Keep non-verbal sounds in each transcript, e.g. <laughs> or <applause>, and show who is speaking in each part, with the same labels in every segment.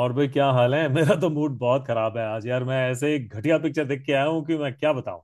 Speaker 1: और भाई, क्या हाल है? <laughs> मेरा तो मूड बहुत खराब है आज यार। मैं ऐसे एक घटिया पिक्चर देख के आया हूँ कि मैं क्या बताऊँ।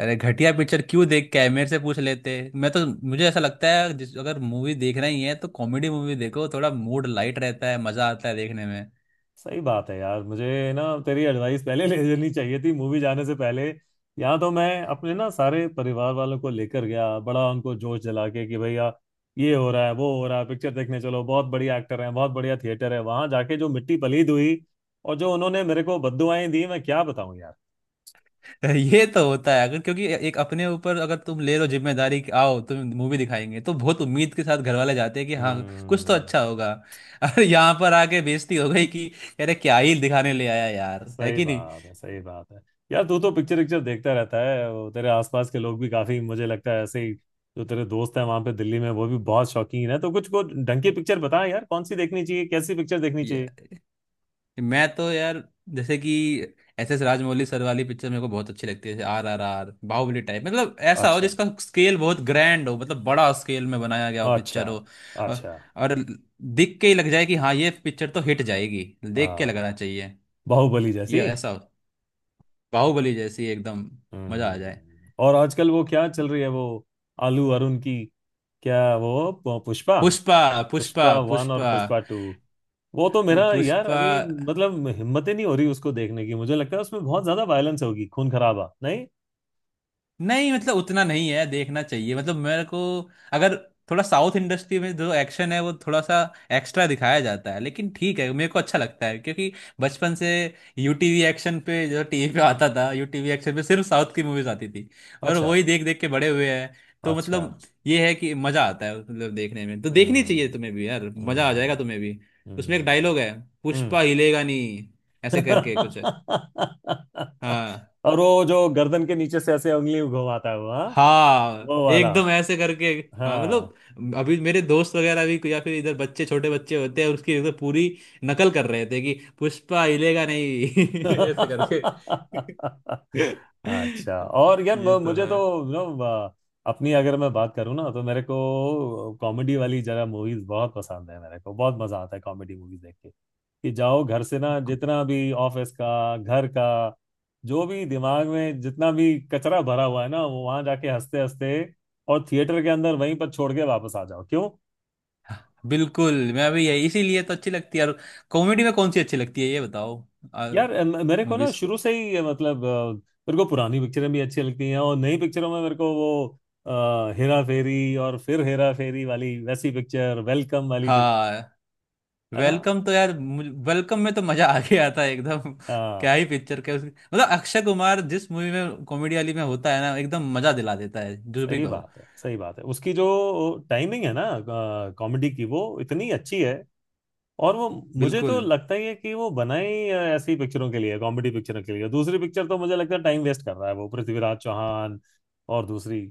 Speaker 2: अरे घटिया पिक्चर क्यों देख कैमरे से पूछ लेते मैं तो। मुझे ऐसा लगता है जिस अगर मूवी देख रही है तो कॉमेडी मूवी देखो, थोड़ा मूड लाइट रहता है, मजा आता है देखने में।
Speaker 1: सही बात है यार। मुझे ना तेरी एडवाइस पहले ले लेनी चाहिए थी मूवी जाने से पहले। या तो मैं अपने ना सारे परिवार वालों को लेकर गया, बड़ा उनको जोश जला के कि भैया ये हो रहा है, वो हो रहा है, पिक्चर देखने चलो, बहुत बढ़िया एक्टर है, बहुत बढ़िया थिएटर है। वहां जाके जो मिट्टी पलीद हुई और जो उन्होंने मेरे को बददुआएं दी, मैं क्या बताऊं यार।
Speaker 2: <laughs> ये तो होता है, अगर क्योंकि एक अपने ऊपर अगर तुम ले लो जिम्मेदारी कि आओ तुम मूवी दिखाएंगे, तो बहुत उम्मीद के साथ घर वाले जाते हैं कि हाँ कुछ तो
Speaker 1: हम्म।
Speaker 2: अच्छा होगा। <laughs> अरे यहाँ पर आके बेइज्जती हो गई कि अरे क्या ही दिखाने ले आया यार, है
Speaker 1: सही
Speaker 2: कि नहीं।
Speaker 1: बात है, सही बात है। यार तू तो पिक्चर पिक्चर देखता रहता है, वो तेरे आसपास के लोग भी काफी, मुझे लगता है, ऐसे ही। जो तेरे दोस्त हैं वहां पे दिल्ली में, वो भी बहुत शौकीन है। तो कुछ को ढंग की पिक्चर बता यार, कौन सी देखनी चाहिए, कैसी पिक्चर देखनी चाहिए।
Speaker 2: मैं तो यार जैसे कि एस एस राजमौली सर वाली पिक्चर मेरे को बहुत अच्छी लगती है, जैसे R R R, Baahubali type. मतलब ऐसा हो
Speaker 1: अच्छा।
Speaker 2: जिसका स्केल बहुत ग्रैंड हो, मतलब बड़ा स्केल में बनाया गया हो,
Speaker 1: अच्छा।
Speaker 2: पिक्चर हो। और,
Speaker 1: अच्छा।
Speaker 2: और दिख के ही लग जाए कि हाँ ये पिक्चर तो हिट जाएगी, देख के लगना
Speaker 1: हाँ।
Speaker 2: चाहिए।
Speaker 1: बाहुबली जैसी।
Speaker 2: ये ऐसा हो, बाहुबली जैसी एकदम, मजा आ जाए।
Speaker 1: हम्म। और आजकल वो क्या चल रही है, वो आलू अरुण की, क्या वो, पुष्पा?
Speaker 2: पुष्पा। पुष्पा
Speaker 1: पुष्पा वन और
Speaker 2: पुष्पा।
Speaker 1: पुष्पा टू। वो तो
Speaker 2: पु-
Speaker 1: मेरा यार
Speaker 2: पुष्पा
Speaker 1: अभी मतलब हिम्मत ही नहीं हो रही उसको देखने की। मुझे लगता है उसमें बहुत ज्यादा वायलेंस होगी, खून खराबा, नहीं।
Speaker 2: नहीं मतलब उतना नहीं है, देखना चाहिए। मतलब मेरे को अगर थोड़ा साउथ इंडस्ट्री में जो एक्शन है वो थोड़ा सा एक्स्ट्रा दिखाया जाता है, लेकिन ठीक है मेरे को अच्छा लगता है क्योंकि बचपन से यूटीवी एक्शन पे जो टीवी पे आता था, यूटीवी एक्शन पे सिर्फ साउथ की मूवीज आती थी और
Speaker 1: अच्छा।
Speaker 2: वही देख देख के बड़े हुए हैं। तो
Speaker 1: अच्छा।
Speaker 2: मतलब ये है कि मजा आता है, मतलब देखने में। तो देखनी चाहिए
Speaker 1: हम्म।
Speaker 2: तुम्हें भी यार, मजा आ जाएगा
Speaker 1: हम्म।
Speaker 2: तुम्हें भी। उसमें एक
Speaker 1: हम्म।
Speaker 2: डायलॉग है,
Speaker 1: हम्म।
Speaker 2: पुष्पा हिलेगा नहीं, ऐसे करके कुछ है।
Speaker 1: <laughs>
Speaker 2: हाँ।
Speaker 1: और वो जो गर्दन के नीचे से ऐसे उंगली घुमाता है वो, हाँ।
Speaker 2: हाँ
Speaker 1: वो वाला।
Speaker 2: एकदम ऐसे करके। हाँ,
Speaker 1: हाँ।
Speaker 2: मतलब अभी मेरे दोस्त वगैरह भी या फिर इधर बच्चे, छोटे बच्चे होते हैं, उसकी एकदम पूरी नकल कर रहे थे कि पुष्पा हिलेगा नहीं <laughs> ऐसे करके।
Speaker 1: अच्छा। और यार
Speaker 2: ये तो
Speaker 1: मुझे
Speaker 2: है।
Speaker 1: तो। नो। अपनी अगर मैं बात करूँ ना, तो मेरे को कॉमेडी वाली जरा मूवीज बहुत पसंद है। मेरे को बहुत मजा आता है कॉमेडी मूवीज देख के। कि जाओ घर से ना, जितना भी ऑफिस का, घर का, जो भी दिमाग में जितना भी कचरा भरा हुआ है ना, वो वहां जाके हंसते हंसते और थिएटर के अंदर वहीं पर छोड़ के वापस आ जाओ, क्यों?
Speaker 2: बिल्कुल, मैं भी यही, इसीलिए तो अच्छी लगती है। और कॉमेडी में कौन सी अच्छी लगती है ये बताओ?
Speaker 1: यार मेरे को ना
Speaker 2: मूवीज।
Speaker 1: शुरू से ही, मतलब, मेरे को पुरानी पिक्चरें भी अच्छी लगती हैं, और नई पिक्चरों में मेरे को वो हेरा फेरी और फिर हेरा फेरी वाली, वैसी पिक्चर, वेलकम वाली पिक्चर।
Speaker 2: हाँ।
Speaker 1: है ना?
Speaker 2: वेलकम तो यार, वेलकम में तो मजा आ गया था एकदम। <laughs>
Speaker 1: आ,
Speaker 2: क्या ही पिक्चर, क्या उसकी! मतलब अक्षय कुमार जिस मूवी में कॉमेडी वाली में होता है ना, एकदम मजा दिला देता है जो भी
Speaker 1: सही
Speaker 2: कहो।
Speaker 1: बात है, सही बात है। उसकी जो टाइमिंग है ना, कॉमेडी की, वो इतनी अच्छी है। और वो, मुझे
Speaker 2: बिल्कुल।
Speaker 1: तो लगता ही है कि वो बनाई ऐसी पिक्चरों के लिए, कॉमेडी पिक्चरों के लिए। दूसरी पिक्चर तो मुझे लगता है टाइम वेस्ट कर रहा है वो पृथ्वीराज चौहान। और दूसरी,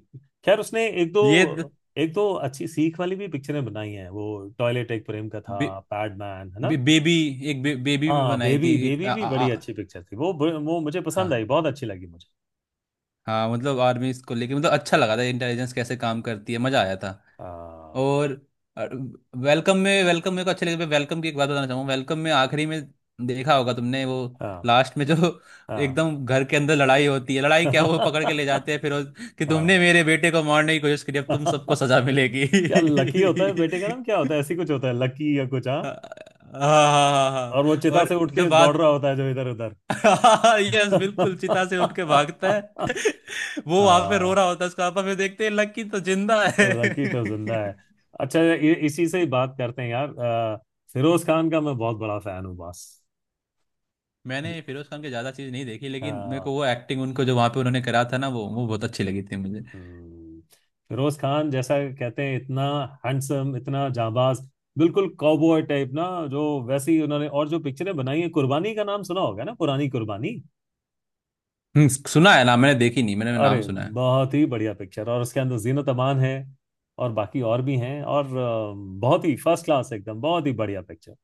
Speaker 1: खैर उसने एक
Speaker 2: ये द-
Speaker 1: दो एक दो अच्छी सीख वाली भी पिक्चरें बनाई हैं वो, टॉयलेट एक प्रेम कथा,
Speaker 2: बे,
Speaker 1: पैडमैन, है
Speaker 2: बे,
Speaker 1: ना?
Speaker 2: बेबी एक बेबी भी
Speaker 1: हाँ,
Speaker 2: बनाई थी
Speaker 1: बेबी
Speaker 2: एक
Speaker 1: बेबी
Speaker 2: आ,
Speaker 1: भी
Speaker 2: आ,
Speaker 1: बड़ी
Speaker 2: आ,
Speaker 1: अच्छी पिक्चर थी वो। वो मुझे
Speaker 2: हाँ।
Speaker 1: पसंद आई, बहुत अच्छी लगी मुझे।
Speaker 2: हाँ, मतलब आर्मी इसको लेके, मतलब अच्छा लगा था, इंटेलिजेंस कैसे काम करती है, मजा आया था।
Speaker 1: हाँ,
Speaker 2: और वेलकम में, वेलकम मेरे को अच्छे लगे। वेलकम की एक बात बताना चाहूंगा, वेलकम में आखिरी में देखा होगा तुमने वो,
Speaker 1: हाँ,
Speaker 2: लास्ट में जो
Speaker 1: हाँ।
Speaker 2: एकदम घर के अंदर लड़ाई होती है, लड़ाई क्या वो पकड़ के ले जाते हैं,
Speaker 1: <laughs>
Speaker 2: फिर कि तुमने
Speaker 1: हाँ।
Speaker 2: मेरे बेटे को मारने की कोशिश करी, अब तुम सबको सजा
Speaker 1: <laughs>
Speaker 2: मिलेगी।
Speaker 1: क्या लकी होता है बेटे का नाम, क्या
Speaker 2: <laughs>
Speaker 1: होता है, ऐसी कुछ होता है, लकी या कुछ, हाँ?
Speaker 2: हाँ हाँ हाँ। हाँ।
Speaker 1: और वो चिता से
Speaker 2: और
Speaker 1: उठ
Speaker 2: जब
Speaker 1: के दौड़
Speaker 2: बाद
Speaker 1: रहा होता है जो इधर उधर।
Speaker 2: <laughs> यस, बिल्कुल चिता से उठ के भागता है।
Speaker 1: <laughs>
Speaker 2: <laughs> वो वहां पे रो
Speaker 1: हाँ,
Speaker 2: रहा होता है, उसका पापा, फिर देखते हैं लकी तो जिंदा है।
Speaker 1: लकी तो जिंदा
Speaker 2: <laughs>
Speaker 1: है। अच्छा, ये इसी से ही बात करते हैं यार। फिरोज खान का मैं बहुत बड़ा फैन हूँ बस। ज-
Speaker 2: मैंने फिरोज खान के ज्यादा चीज नहीं देखी,
Speaker 1: अ,
Speaker 2: लेकिन मेरे को वो एक्टिंग उनको जो वहां पे उन्होंने करा था ना, वो बहुत अच्छी लगी थी मुझे।
Speaker 1: हम्म, फिरोज खान, जैसा कहते हैं, इतना हैंडसम, इतना जाबाज, बिल्कुल कॉबॉय टाइप ना, जो वैसे ही उन्होंने, और जो पिक्चरें बनाई है, कुर्बानी का नाम सुना होगा ना, पुरानी कुर्बानी।
Speaker 2: सुना है ना, मैंने देखी नहीं, मैंने नाम
Speaker 1: अरे,
Speaker 2: सुना है।
Speaker 1: बहुत ही बढ़िया पिक्चर, और उसके अंदर जीनत अमान है, और बाकी और भी हैं, और बहुत ही फर्स्ट क्लास, एकदम बहुत ही बढ़िया पिक्चर।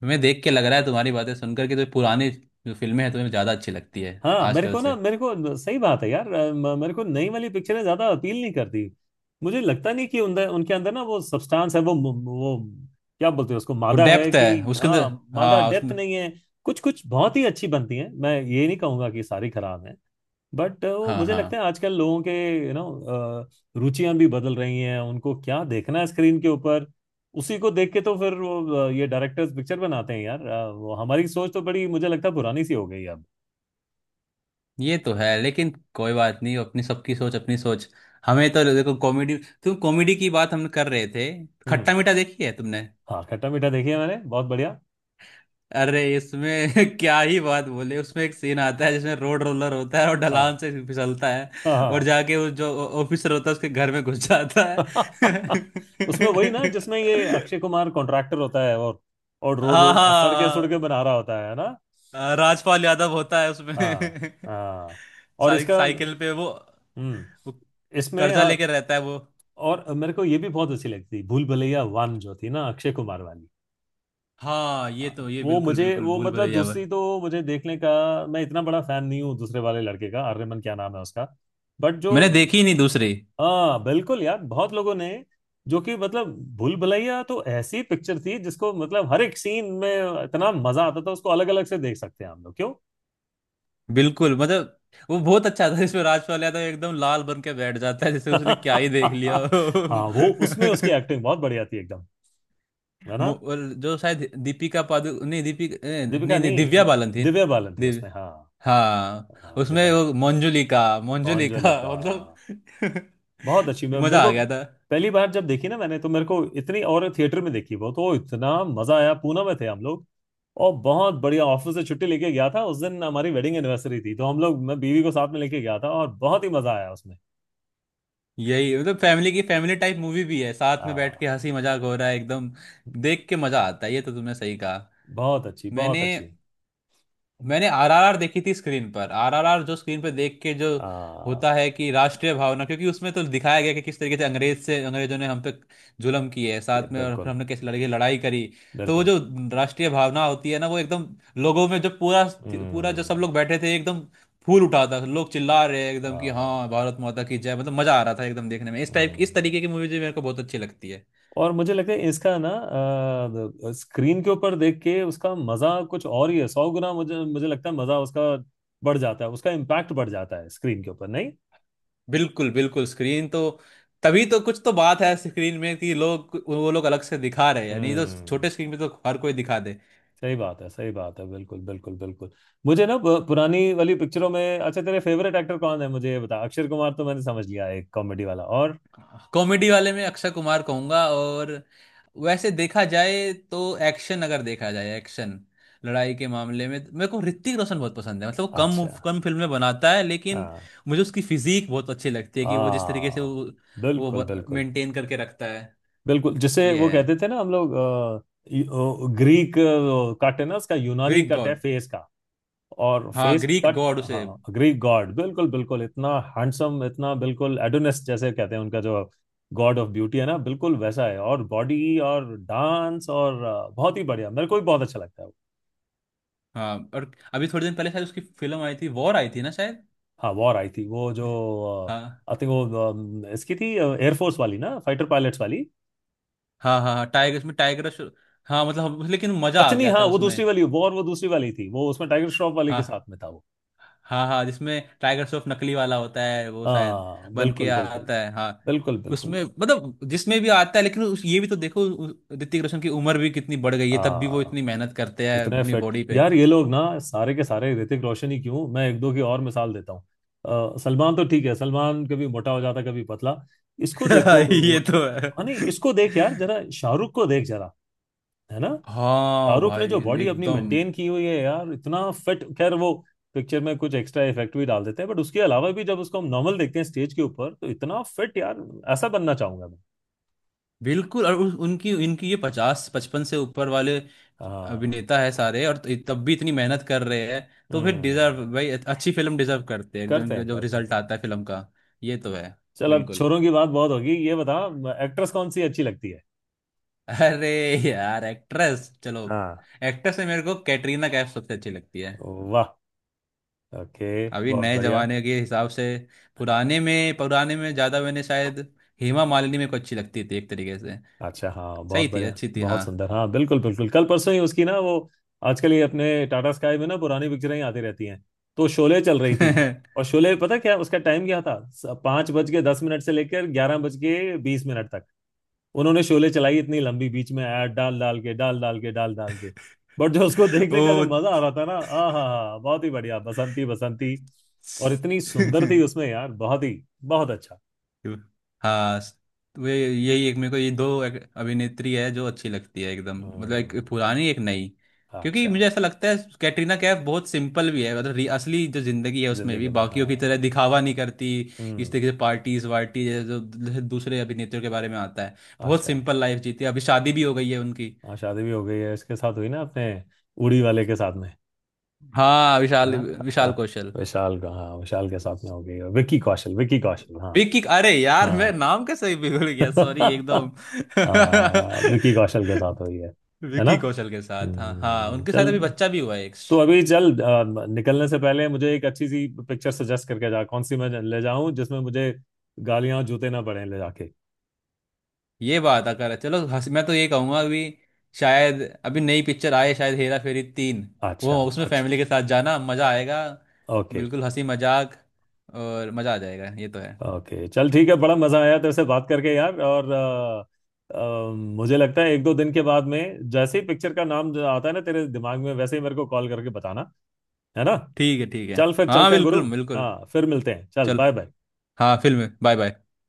Speaker 2: तुम्हें देख के लग रहा है, तुम्हारी बातें सुनकर के, जो पुरानी जो फिल्में हैं तुम्हें ज्यादा अच्छी लगती है
Speaker 1: हाँ, मेरे
Speaker 2: आजकल
Speaker 1: को ना,
Speaker 2: से।
Speaker 1: मेरे को, सही बात है यार। मेरे को नई वाली पिक्चरें ज्यादा अपील नहीं करती। मुझे लगता नहीं कि उनके उनके अंदर ना वो सब्सटेंस है, वो क्या बोलते हैं उसको,
Speaker 2: वो
Speaker 1: मादा है
Speaker 2: डेप्थ है
Speaker 1: कि।
Speaker 2: उसके अंदर।
Speaker 1: हाँ, मादा,
Speaker 2: हाँ
Speaker 1: डेप्थ
Speaker 2: उसमें।
Speaker 1: नहीं है। कुछ कुछ बहुत ही अच्छी बनती है, मैं ये नहीं कहूंगा कि सारी खराब है। बट वो
Speaker 2: हाँ
Speaker 1: मुझे
Speaker 2: हाँ।
Speaker 1: लगता है आजकल लोगों के यू नो रुचियां भी बदल रही हैं, उनको क्या देखना है स्क्रीन के ऊपर, उसी को देख के तो फिर वो ये डायरेक्टर्स पिक्चर बनाते हैं यार। वो हमारी सोच तो बड़ी, मुझे लगता है, पुरानी सी हो गई अब।
Speaker 2: ये तो है, लेकिन कोई बात नहीं, अपनी सबकी सोच अपनी सोच। हमें तो देखो कॉमेडी, तुम कॉमेडी की बात हम कर रहे थे।
Speaker 1: हम्म।
Speaker 2: खट्टा मीठा देखी है तुमने?
Speaker 1: हाँ, खट्टा मीठा देखी है मैंने, बहुत बढ़िया।
Speaker 2: अरे, इसमें <laughs> क्या ही बात बोले! उसमें एक सीन आता है जिसमें रोड रोलर होता है और
Speaker 1: हाँ,
Speaker 2: ढलान से फिसलता है और
Speaker 1: हाँ,
Speaker 2: जाके वो जो ऑफिसर होता है उसके घर में घुस जाता है।
Speaker 1: हाँ। <laughs> उसमें वही ना जिसमें
Speaker 2: <laughs>
Speaker 1: ये अक्षय कुमार कॉन्ट्रैक्टर होता है, और रो
Speaker 2: हाँ
Speaker 1: रो सड़के
Speaker 2: हाँ।
Speaker 1: सड़के बना रहा होता है ना।
Speaker 2: हाँ, राजपाल यादव होता है उसमें।
Speaker 1: हाँ,
Speaker 2: <laughs>
Speaker 1: हाँ। और
Speaker 2: साइ,
Speaker 1: इसका,
Speaker 2: साइकिल पे
Speaker 1: हम्म,
Speaker 2: वो
Speaker 1: इसमें,
Speaker 2: कर्जा लेके
Speaker 1: हाँ।
Speaker 2: रहता है वो।
Speaker 1: और मेरे को ये भी बहुत अच्छी लगती, भूल भुलैया वन जो थी ना, अक्षय कुमार वाली।
Speaker 2: हाँ ये
Speaker 1: हाँ,
Speaker 2: तो, ये
Speaker 1: वो
Speaker 2: बिल्कुल
Speaker 1: मुझे
Speaker 2: बिल्कुल
Speaker 1: वो
Speaker 2: भूल
Speaker 1: मतलब
Speaker 2: भुलैया वो।
Speaker 1: दूसरी तो मुझे देखने का, मैं इतना बड़ा फैन नहीं हूँ दूसरे वाले लड़के का, आर्यमन क्या नाम है उसका। बट जो,
Speaker 2: मैंने देखी ही नहीं दूसरी।
Speaker 1: हाँ, बिल्कुल यार, बहुत लोगों ने, जो कि मतलब भूल भुलैया तो ऐसी पिक्चर थी जिसको मतलब हर एक सीन में इतना मजा आता था, उसको अलग अलग से देख सकते हैं हम लोग, क्यों?
Speaker 2: बिल्कुल मतलब वो बहुत अच्छा था जिसमें राजपाल यादव एकदम लाल बन के बैठ जाता है, जैसे उसने क्या ही
Speaker 1: <laughs>
Speaker 2: देख लिया
Speaker 1: हाँ, वो उसमें उसकी
Speaker 2: हो। <laughs>
Speaker 1: एक्टिंग बहुत बढ़िया थी एकदम। है ना?
Speaker 2: और जो शायद दीपिका पादु नहीं, दीपिका
Speaker 1: दीपिका
Speaker 2: नहीं नहीं,
Speaker 1: नहीं,
Speaker 2: दिव्या बालन थी।
Speaker 1: दिव्या बालन थी
Speaker 2: दिव्य।
Speaker 1: उसमें, हाँ।
Speaker 2: हाँ।
Speaker 1: हाँ,
Speaker 2: उसमें
Speaker 1: दिव्या।
Speaker 2: वो मंजुलिका मंजुलिका
Speaker 1: कॉन्जरिंग।
Speaker 2: <laughs> मतलब
Speaker 1: बहुत अच्छी। मैं,
Speaker 2: <laughs> मजा
Speaker 1: मेरे
Speaker 2: आ
Speaker 1: को
Speaker 2: गया था।
Speaker 1: पहली बार जब देखी ना मैंने, तो मेरे को इतनी, और थिएटर में देखी वो तो इतना मजा आया, पूना में थे हम लोग। और बहुत बढ़िया, ऑफिस से छुट्टी लेके गया था उस दिन, हमारी वेडिंग एनिवर्सरी थी, तो हम लोग, मैं बीवी को साथ में लेके गया था, और बहुत ही मजा आया उसमें।
Speaker 2: यही मतलब फैमिली की, फैमिली टाइप मूवी भी है, साथ
Speaker 1: आ,
Speaker 2: में बैठ के हंसी मजाक हो रहा है एकदम, देख के मजा आता है, ये तो तुमने सही कहा।
Speaker 1: बहुत अच्छी, बहुत
Speaker 2: मैंने
Speaker 1: अच्छी।
Speaker 2: मैंने आर आर आर देखी थी स्क्रीन पर, आर आर आर जो स्क्रीन पर देख के जो
Speaker 1: आ,
Speaker 2: होता है कि राष्ट्रीय भावना, क्योंकि उसमें तो दिखाया गया कि किस तरीके से अंग्रेज से, अंग्रेजों ने हम पे जुल्म किए है
Speaker 1: ये
Speaker 2: साथ में, और फिर
Speaker 1: बिल्कुल,
Speaker 2: हमने कैसे लड़के लड़ाई करी। तो वो
Speaker 1: बिल्कुल।
Speaker 2: जो राष्ट्रीय भावना होती है ना, वो एकदम लोगों में, जो पूरा पूरा जो
Speaker 1: हम्म।
Speaker 2: सब लोग बैठे थे एकदम फूल उठा था, लोग चिल्ला रहे हैं एकदम कि
Speaker 1: आ,
Speaker 2: हाँ भारत माता की जय, मतलब मजा आ रहा था एकदम देखने में। इस टाइप, इस
Speaker 1: हम्म।
Speaker 2: तरीके की मूवी जो मेरे को बहुत अच्छी लगती है।
Speaker 1: और मुझे लगता है इसका ना, स्क्रीन के ऊपर देख के उसका मजा कुछ और ही है, 100 गुना, मुझे मुझे लगता है मजा उसका बढ़ जाता है, उसका इम्पैक्ट बढ़ जाता है स्क्रीन के ऊपर, नहीं।
Speaker 2: बिल्कुल बिल्कुल, स्क्रीन तो, तभी तो कुछ तो बात है स्क्रीन में कि लोग, वो लोग अलग से दिखा रहे हैं, नहीं तो
Speaker 1: हम्म।
Speaker 2: छोटे स्क्रीन पे तो हर कोई दिखा दे।
Speaker 1: सही बात है, सही बात है, बिल्कुल, बिल्कुल, बिल्कुल। मुझे ना पुरानी वाली पिक्चरों में, अच्छा, तेरे फेवरेट एक्टर कौन है मुझे ये बता, अक्षय कुमार तो मैंने समझ लिया एक कॉमेडी वाला, और,
Speaker 2: कॉमेडी वाले में अक्षय कुमार कहूंगा। और वैसे देखा जाए तो एक्शन, अगर देखा जाए एक्शन लड़ाई के मामले में मेरे को ऋतिक रोशन बहुत पसंद है। मतलब वो कम
Speaker 1: अच्छा,
Speaker 2: कम फिल्में बनाता है लेकिन
Speaker 1: हाँ,
Speaker 2: मुझे उसकी फिजीक बहुत अच्छी लगती है, कि वो जिस तरीके से
Speaker 1: आ
Speaker 2: वो
Speaker 1: बिल्कुल,
Speaker 2: वो
Speaker 1: बिल्कुल,
Speaker 2: मेंटेन करके रखता है।
Speaker 1: बिल्कुल। जिसे
Speaker 2: ये
Speaker 1: वो कहते
Speaker 2: है।
Speaker 1: थे ना हम लोग, ग्रीक कट है ना उसका, यूनानी
Speaker 2: ग्रीक
Speaker 1: कट है
Speaker 2: गॉड।
Speaker 1: फेस का, और
Speaker 2: हाँ
Speaker 1: फेस
Speaker 2: ग्रीक
Speaker 1: कट।
Speaker 2: गॉड उसे।
Speaker 1: हाँ, ग्रीक गॉड, बिल्कुल, बिल्कुल, इतना हैंडसम, इतना बिल्कुल एडोनिस जैसे कहते हैं उनका, जो गॉड ऑफ ब्यूटी है ना, बिल्कुल वैसा है, और बॉडी, और डांस, और बहुत ही बढ़िया। मेरे को भी बहुत अच्छा लगता है वो।
Speaker 2: हाँ और अभी थोड़े दिन पहले शायद उसकी फिल्म आई थी, वॉर आई थी ना शायद।
Speaker 1: हाँ, वॉर आई थी वो जो,
Speaker 2: हाँ
Speaker 1: आई थिंक वो, इसकी थी एयरफोर्स वाली ना, फाइटर पायलट्स वाली।
Speaker 2: हाँ हाँ। हाँ टाइगर उसमें हाँ मतलब लेकिन मजा आ
Speaker 1: अच्छा नहीं,
Speaker 2: गया
Speaker 1: हाँ
Speaker 2: था
Speaker 1: वो
Speaker 2: उसमें।
Speaker 1: दूसरी वाली वॉर, वो दूसरी वाली थी वो, उसमें टाइगर श्रॉफ वाली के साथ
Speaker 2: हाँ
Speaker 1: में था वो।
Speaker 2: हाँ, हाँ जिसमें टाइगर श्रॉफ नकली वाला होता है वो शायद,
Speaker 1: हाँ,
Speaker 2: बन के
Speaker 1: बिल्कुल, बिल्कुल।
Speaker 2: आता है हाँ।
Speaker 1: बिल्कुल, बिल्कुल।
Speaker 2: उसमें मतलब जिसमें भी आता है, लेकिन उस ये भी तो देखो ऋतिक रोशन की उम्र भी कितनी बढ़ गई है, तब भी वो
Speaker 1: आ,
Speaker 2: इतनी मेहनत करते हैं
Speaker 1: इतने
Speaker 2: अपनी
Speaker 1: फिट
Speaker 2: बॉडी पे।
Speaker 1: यार ये लोग ना, सारे के सारे, ऋतिक रोशन ही क्यों, मैं एक दो की और मिसाल देता हूँ। सलमान तो ठीक है, सलमान कभी मोटा हो जाता, कभी पतला। इसको
Speaker 2: <laughs>
Speaker 1: देखो,
Speaker 2: ये तो है।
Speaker 1: हाँ, नहीं, इसको देख यार जरा, शाहरुख को देख जरा। है ना?
Speaker 2: हाँ
Speaker 1: शाहरुख ने जो
Speaker 2: भाई
Speaker 1: बॉडी अपनी
Speaker 2: एकदम।
Speaker 1: मेंटेन की हुई है यार, इतना फिट, खैर वो पिक्चर में कुछ एक्स्ट्रा इफेक्ट भी डाल देते हैं, बट उसके अलावा भी जब उसको हम नॉर्मल देखते हैं स्टेज के ऊपर, तो इतना फिट यार। ऐसा बनना चाहूंगा मैं।
Speaker 2: बिल्कुल और उनकी इनकी ये 50 55 से ऊपर वाले
Speaker 1: हाँ।
Speaker 2: अभिनेता है सारे और तब भी इतनी मेहनत कर रहे हैं, तो फिर डिजर्व
Speaker 1: हम्म।
Speaker 2: भाई, अच्छी फिल्म डिजर्व करते हैं एकदम,
Speaker 1: करते
Speaker 2: इनका
Speaker 1: हैं,
Speaker 2: जो
Speaker 1: करते हैं, करते
Speaker 2: रिजल्ट आता
Speaker 1: हैं।
Speaker 2: है फिल्म का। ये तो है।
Speaker 1: चल, अब
Speaker 2: बिल्कुल।
Speaker 1: छोरों की बात बहुत होगी, ये बता एक्ट्रेस कौन सी अच्छी लगती है?
Speaker 2: अरे यार एक्ट्रेस। चलो,
Speaker 1: हाँ।
Speaker 2: एक्ट्रेस में मेरे को कैटरीना कैफ सबसे अच्छी लगती है
Speaker 1: वाह। ओके।
Speaker 2: अभी
Speaker 1: बहुत
Speaker 2: नए
Speaker 1: बढ़िया।
Speaker 2: जमाने के हिसाब से। पुराने में ज्यादा मैंने शायद हेमा मालिनी मेरे को अच्छी लगती थी एक तरीके से।
Speaker 1: अच्छा, हाँ, बहुत
Speaker 2: सही थी,
Speaker 1: बढ़िया,
Speaker 2: अच्छी थी हाँ।
Speaker 1: बहुत सुंदर, हाँ, बिल्कुल, बिल्कुल, कल परसों ही उसकी ना, वो, आजकल ये अपने टाटा स्काई में ना पुरानी पिक्चरें ही आती रहती हैं, तो शोले चल रही थी। और
Speaker 2: <laughs>
Speaker 1: शोले, पता क्या उसका टाइम क्या था? 5:10 से लेकर 11:20 तक उन्होंने शोले चलाई, इतनी लंबी, बीच में ऐड डाल डाल के, डाल डाल के, डाल डाल के। बट जो उसको देखने का जो
Speaker 2: ओ
Speaker 1: मजा आ रहा था ना, आ हा हा, बहुत ही बढ़िया, बसंती बसंती, और इतनी सुंदर थी
Speaker 2: <laughs>
Speaker 1: उसमें यार, बहुत ही। बहुत अच्छा।
Speaker 2: हाँ। वे यही एक मेरे को, ये दो अभिनेत्री है जो अच्छी लगती है एकदम। मतलब एक
Speaker 1: हम्म।
Speaker 2: पुरानी एक नई। क्योंकि
Speaker 1: अच्छा।
Speaker 2: मुझे ऐसा लगता है कैटरीना कैफ बहुत सिंपल भी है, मतलब असली जो जिंदगी है उसमें भी
Speaker 1: जिंदगी में,
Speaker 2: बाकियों
Speaker 1: हाँ।
Speaker 2: की तरह दिखावा नहीं करती इस
Speaker 1: हम्म।
Speaker 2: तरीके से, पार्टीज वार्टी जैसे जो दूसरे अभिनेत्रियों के बारे में आता है। बहुत
Speaker 1: अच्छा।
Speaker 2: सिंपल लाइफ जीती है, अभी शादी भी हो गई है उनकी।
Speaker 1: हाँ, शादी भी हो गई है, इसके साथ हुई ना अपने, उड़ी वाले के साथ में।
Speaker 2: हाँ
Speaker 1: है
Speaker 2: विशाल
Speaker 1: ना? हाँ,
Speaker 2: विशाल
Speaker 1: हाँ,
Speaker 2: कौशल,
Speaker 1: विशाल का, हाँ विशाल के साथ में हो गई है, विक्की कौशल, विक्की कौशल, हाँ।
Speaker 2: बिग किक, अरे यार मैं
Speaker 1: हाँ,
Speaker 2: नाम कैसे ही बिगड़ गया, सॉरी एकदम।
Speaker 1: हाँ, विकी कौशल के साथ हुई है।
Speaker 2: <laughs>
Speaker 1: है ना?
Speaker 2: विकी कौशल के साथ, हाँ हाँ, उनके साथ
Speaker 1: चल।
Speaker 2: अभी बच्चा भी हुआ है एक।
Speaker 1: तो अभी चल, निकलने से पहले मुझे एक अच्छी सी पिक्चर सजेस्ट करके जा, कौन सी मैं ले जाऊं जिसमें मुझे गालियां जूते ना पड़े ले जाके।
Speaker 2: ये बात, अगर चलो हंस, मैं तो ये कहूंगा अभी शायद अभी नई पिक्चर आए शायद हेरा फेरी 3,
Speaker 1: अच्छा,
Speaker 2: वो उसमें
Speaker 1: अच्छा,
Speaker 2: फैमिली के साथ जाना, मज़ा आएगा।
Speaker 1: ओके,
Speaker 2: बिल्कुल हंसी मजाक और मज़ा आ जाएगा, ये तो है।
Speaker 1: ओके। चल ठीक है, बड़ा मजा आया तेरे से बात करके यार, और अ, मुझे लगता है एक दो दिन के बाद में जैसे ही पिक्चर का नाम जो आता है ना तेरे दिमाग में, वैसे ही मेरे को कॉल करके बताना। है ना?
Speaker 2: ठीक है ठीक है।
Speaker 1: चल फिर
Speaker 2: हाँ
Speaker 1: चलते हैं गुरु।
Speaker 2: बिल्कुल बिल्कुल।
Speaker 1: हाँ, फिर मिलते हैं, चल
Speaker 2: चल।
Speaker 1: Bye bye.
Speaker 2: हाँ फिल्म बाय बाय।